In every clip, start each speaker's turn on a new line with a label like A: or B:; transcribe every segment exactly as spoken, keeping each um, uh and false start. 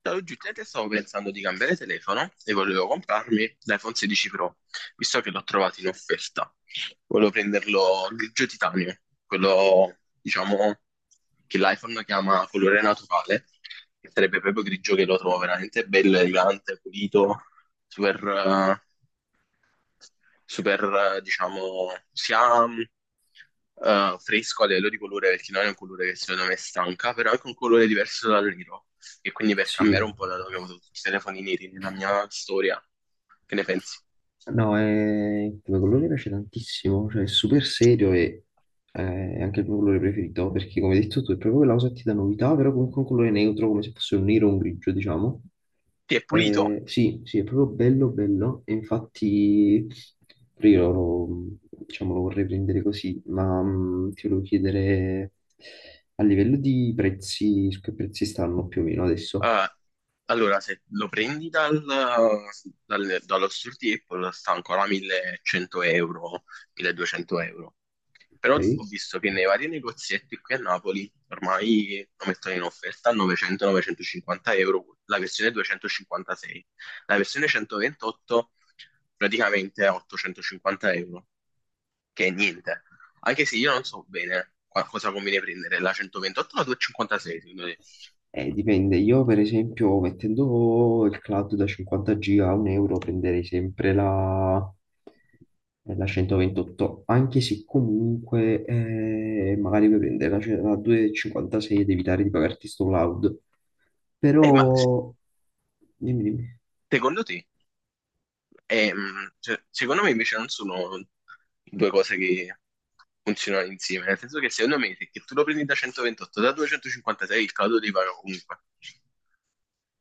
A: Da oggettivamente stavo pensando di cambiare telefono e volevo comprarmi l'iPhone sedici Pro, visto che l'ho trovato in offerta. Volevo prenderlo grigio titanio, quello, diciamo, che l'iPhone chiama colore naturale, che sarebbe proprio grigio che lo trovo veramente bello, elegante, pulito, super, eh, super, eh, diciamo, sia mh, eh, fresco a livello di colore, perché non è un colore che secondo me stanca, però è anche un colore diverso dal nero. E quindi per
B: Sì,
A: cambiare un po' dato che ho avuto tutti i telefoni neri nella mia storia, che ne pensi?
B: no, è come colore mi piace tantissimo, cioè è super serio e eh, è anche il mio colore preferito, perché come hai detto tu è proprio quella cosa che ti dà novità, però comunque un colore neutro, come se fosse un nero o un grigio, diciamo.
A: Sì, è pulito.
B: Eh, sì, sì, è proprio bello, bello, e infatti pure io lo, diciamo, lo vorrei prendere così, ma mh, ti volevo chiedere a livello di prezzi, su che prezzi stanno più o meno adesso,
A: Eh, allora, se lo prendi dal, dal- dallo store di Apple, sta ancora millecento euro, milleduecento euro.
B: ok?
A: Però ho visto che nei vari negozietti qui a Napoli ormai lo mettono in offerta a novecento-novecentocinquanta euro, la versione duecentocinquantasei. La versione centoventotto praticamente a ottocentocinquanta euro, che è niente. Anche se io non so bene qua- cosa conviene prendere, la centoventotto o la duecentocinquantasei secondo te?
B: Eh, dipende, io per esempio mettendo il cloud da cinquanta giga a un euro prenderei sempre la, eh, la centoventotto, anche se comunque eh, magari puoi prendere la, ce- la duecentocinquantasei ed evitare di pagarti sto cloud,
A: Eh, ma se-
B: però dimmi, dimmi.
A: secondo te. E, mh, se- secondo me invece non sono due cose che funzionano insieme, nel senso che secondo me se che tu lo prendi da centoventotto, da duecentocinquantasei il caldo ti paga comunque.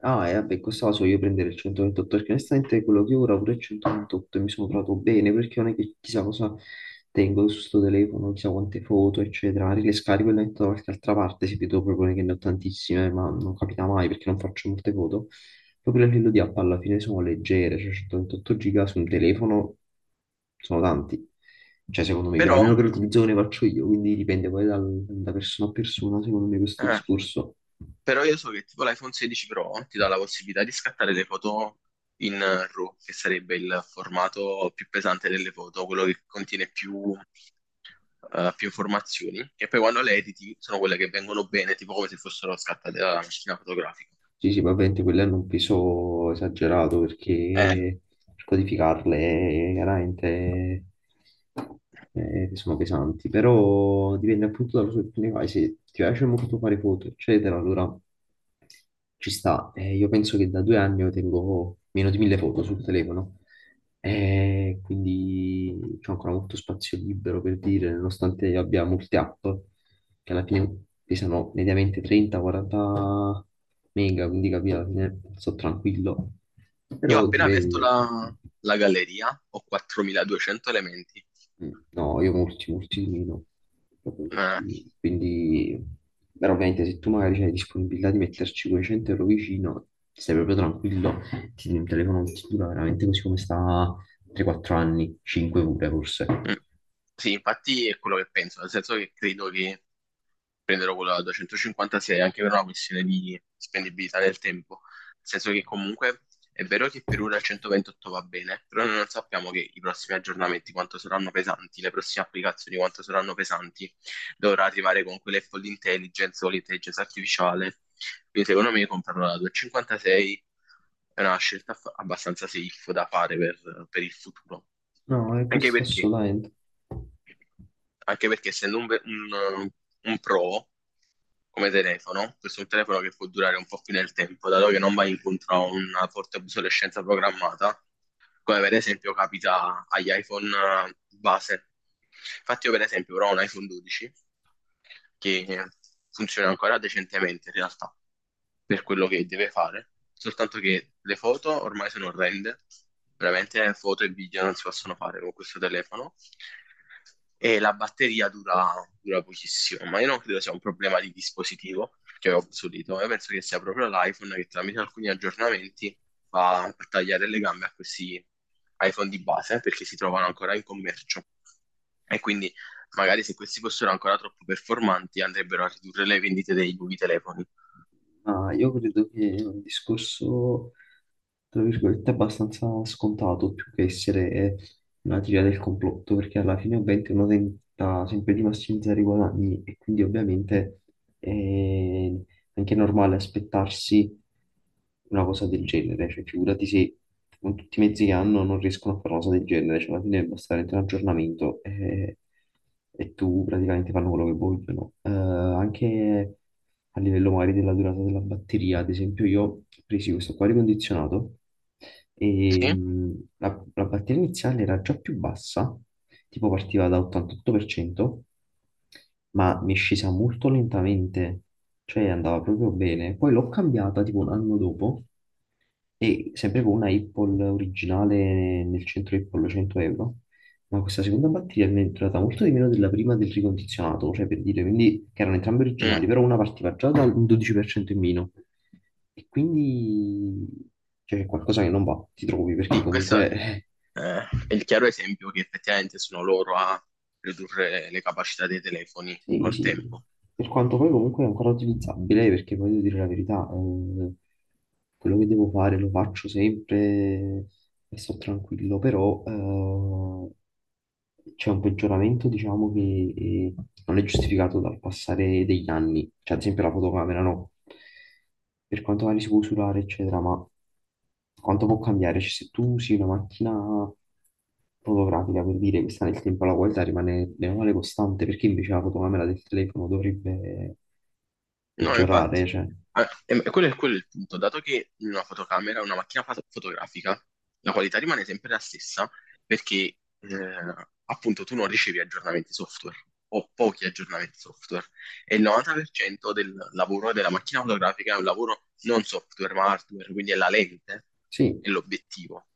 B: Ah, e vabbè, questa la so io prendere il centoventotto perché onestamente quello che ho ora pure il centoventotto e mi sono trovato bene perché non è che chissà cosa tengo su sto telefono, chissà quante foto, eccetera. Le scarico e le metto da qualche altra parte, se vedo proprio che ne ho tantissime, ma non capita mai perché non faccio molte foto. Proprio a livello di app alla fine sono leggere, cioè centoventotto giga su un telefono sono tanti. Cioè, secondo me, per,
A: Però,
B: almeno per l'utilizzo che ne faccio io, quindi dipende poi dal- da persona a persona, secondo me, questo
A: eh,
B: discorso.
A: però io so che tipo l'iPhone sedici Pro ti dà la possibilità di scattare le foto in eh, RAW, che sarebbe il formato più pesante delle foto, quello che contiene più, eh, più informazioni, e poi quando le editi sono quelle che vengono bene, tipo come se fossero scattate dalla macchina fotografica.
B: Sì, sì, ma ovviamente quello hanno un peso esagerato
A: Ah. Eh,
B: perché per codificarle eh, chiaramente eh, sono pesanti, però dipende appunto dalla cosa che tu ne fai, se ti piace molto fare foto, eccetera, allora ci sta. Eh, io penso che da due anni io tengo meno di mille foto sul telefono, Eh, quindi c'ho ancora molto spazio libero per dire, nonostante io abbia molte app che alla fine pesano mediamente trenta quaranta mega, quindi capito, alla fine sto tranquillo.
A: Io ho
B: Però
A: appena aperto
B: dipende.
A: la, la galleria, ho quattromiladuecento elementi.
B: Mm, no, io molti, molti di meno. Proprio molti
A: Eh,
B: di meno. Quindi, però ovviamente se tu magari hai disponibilità di metterci quei cento euro vicino, stai proprio tranquillo, ti il telefono ti dura veramente così come sta tre o quattro anni, cinque pure forse.
A: mm, sì, infatti è quello che penso, nel senso che credo che prenderò quello da duecentocinquantasei anche per una questione di spendibilità nel tempo. Nel senso che comunque è vero che per ora il centoventotto va bene, però noi non sappiamo che i prossimi aggiornamenti quanto saranno pesanti, le prossime applicazioni quanto saranno pesanti. Dovrà arrivare con quelle full intelligence o l'intelligenza artificiale. Quindi secondo me comprarlo da duecentocinquantasei è una scelta fa- abbastanza safe da fare per, per il futuro.
B: No, è
A: Anche
B: questo
A: perché,
B: assolutamente.
A: anche perché essendo un, ve- un, un pro come telefono, questo è un telefono che può durare un po' più nel tempo, dato che non va incontro a una forte obsolescenza programmata, come per esempio capita agli iPhone eh, base. Infatti io per esempio ora ho un iPhone dodici che funziona ancora decentemente in realtà, per quello che deve fare, soltanto che le foto ormai sono orrende, veramente foto e video non si possono fare con questo telefono e la batteria dura, dura pochissimo, ma io non credo sia un problema di dispositivo che è obsoleto, io penso che sia proprio l'iPhone che tramite alcuni aggiornamenti va a tagliare le gambe a questi iPhone di base perché si trovano ancora in commercio e quindi magari se questi fossero ancora troppo performanti andrebbero a ridurre le vendite dei nuovi telefoni.
B: Ma io credo che è un discorso, tra virgolette, abbastanza scontato, più che essere una teoria del complotto, perché alla fine ovviamente uno tenta sempre di massimizzare i guadagni e quindi ovviamente è anche normale aspettarsi una cosa del genere, cioè figurati se con tutti i mezzi che hanno non riescono a fare una cosa del genere, cioè alla fine basta veramente un aggiornamento e, e tu praticamente fanno quello che vogliono. Eh, anche a livello magari della durata della batteria. Ad esempio, io ho preso questo qua ricondizionato e
A: Sì?
B: mh, la, la batteria iniziale era già più bassa, tipo partiva da ottantotto per cento, ma mi è scesa molto lentamente, cioè andava proprio bene. Poi l'ho cambiata tipo un anno dopo e sempre con una Apple originale nel centro Apple cento euro, ma questa seconda batteria mi è durata molto di meno della prima del ricondizionato, cioè per dire, quindi che erano entrambe
A: Mm.
B: originali, però una partiva già dal dodici per cento in meno. E quindi cioè, c'è qualcosa che non va, ti trovi, perché
A: Sì, questo
B: comunque
A: eh, è il chiaro esempio che effettivamente sono loro a ridurre le capacità dei telefoni
B: Sì,
A: col
B: sì,
A: tempo.
B: per quanto poi comunque è ancora utilizzabile, perché poi devo dire la verità, eh, quello che devo fare lo faccio sempre e sto tranquillo, però eh, c'è un peggioramento, diciamo, che eh, non è giustificato dal passare degli anni, cioè ad esempio la fotocamera no per quanto magari si può usurare, eccetera, ma quanto può cambiare? Cioè, se tu usi una macchina fotografica per dire che sta nel tempo, la qualità rimane bene o male costante, perché invece la fotocamera del telefono dovrebbe
A: No, infatti.
B: peggiorare? Cioè,
A: Ah, e- e quello è, quello è il punto, dato che una fotocamera, una macchina foto- fotografica, la qualità rimane sempre la stessa perché eh, appunto tu non ricevi aggiornamenti software o pochi aggiornamenti software e il novanta per cento del lavoro della macchina fotografica è un lavoro non software ma hardware, quindi è la lente
B: sì,
A: e l'obiettivo.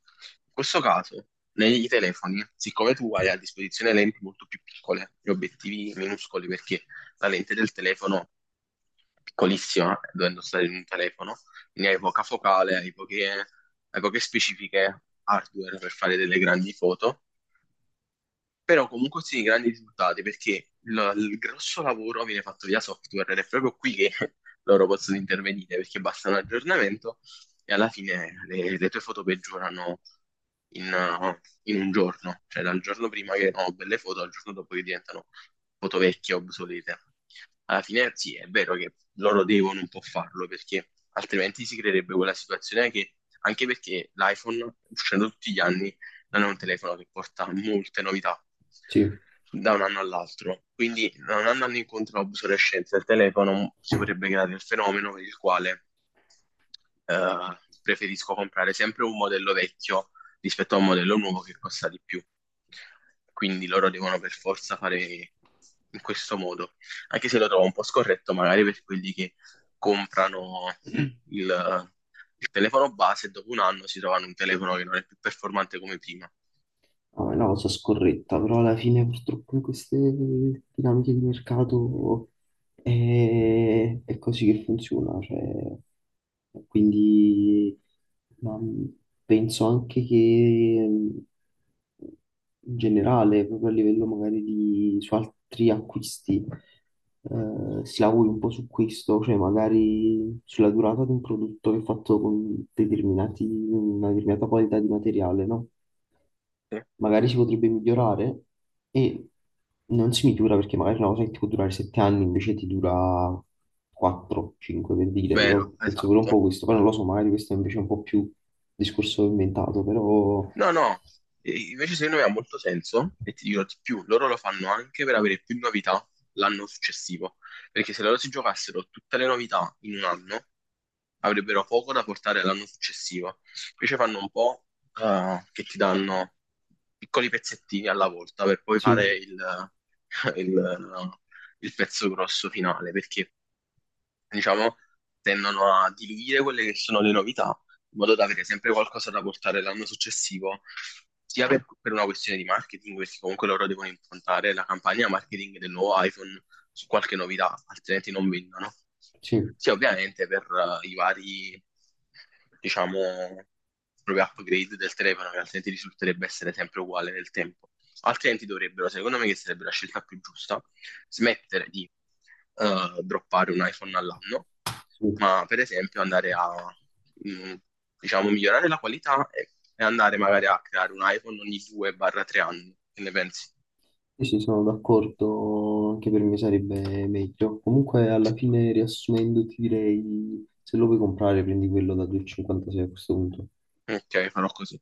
A: In questo caso, nei telefoni, siccome tu hai a disposizione lenti molto più piccole e obiettivi minuscoli perché la lente del telefono piccolissima, dovendo stare in un telefono, quindi hai poca focale, hai poche, hai poche specifiche hardware per fare delle grandi foto però comunque sì, grandi risultati perché il, il grosso lavoro viene fatto via software ed è proprio qui che loro possono intervenire perché basta un aggiornamento e alla fine le, le tue foto peggiorano in, uh, in un giorno, cioè dal giorno prima che erano belle foto al giorno dopo che diventano foto vecchie, obsolete. Alla fine sì, è vero che loro devono un po' farlo perché altrimenti si creerebbe quella situazione che anche perché l'iPhone uscendo tutti gli anni non è un telefono che porta molte novità
B: sì,
A: da un anno all'altro. Quindi, non andando incontro all'obsolescenza del telefono, si potrebbe creare il fenomeno per il quale eh, preferisco comprare sempre un modello vecchio rispetto a un modello nuovo che costa di più. Quindi loro devono per forza fare in questo modo, anche se lo trovo un po' scorretto, magari per quelli che comprano il il telefono base e dopo un anno si trovano un telefono che non è più performante come prima.
B: no, è una cosa scorretta, però alla fine purtroppo in queste dinamiche di mercato è, è così che funziona, cioè, quindi ma, mh, penso anche che mh, in generale, proprio a livello magari di su altri acquisti, eh, si lavori un po' su questo, cioè magari sulla durata di un prodotto che è fatto con determinati, una determinata qualità di materiale, no?
A: Sì.
B: Magari si potrebbe migliorare e non si migliora perché magari una cosa che ti può durare sette anni invece ti dura quattro, cinque per dire.
A: Vero,
B: Io penso pure un
A: esatto.
B: po' questo, poi non lo so, magari questo è invece un po' più discorso inventato, però
A: No, no, e invece secondo me ha molto senso e ti dirò di più, loro lo fanno anche per avere più novità l'anno successivo, perché se loro si giocassero tutte le novità in un anno, avrebbero poco da portare l'anno successivo. Invece fanno un po' eh, che ti danno piccoli pezzettini alla volta per poi fare
B: sì,
A: il, il- il pezzo grosso finale, perché diciamo, tendono a diluire quelle che sono le novità, in modo da avere sempre qualcosa da portare l'anno successivo, sia per, per una questione di marketing, perché comunque loro devono improntare la campagna marketing del nuovo iPhone su qualche novità, altrimenti non vendono.
B: sì,
A: Sia ovviamente per eh, i vari, diciamo, proprio upgrade del telefono, che altrimenti risulterebbe essere sempre uguale nel tempo. Altrimenti dovrebbero, secondo me, che sarebbe la scelta più giusta, smettere di eh, droppare un iPhone all'anno,
B: sì,
A: ma per esempio andare a, mh, diciamo, migliorare la qualità e, e andare magari a creare un iPhone ogni due tre anni. Che ne pensi?
B: sì, sì, sono d'accordo, anche per me sarebbe meglio. Comunque alla fine riassumendo ti direi, se lo vuoi comprare prendi quello da due cinquantasei a questo punto.
A: Ok, farò così.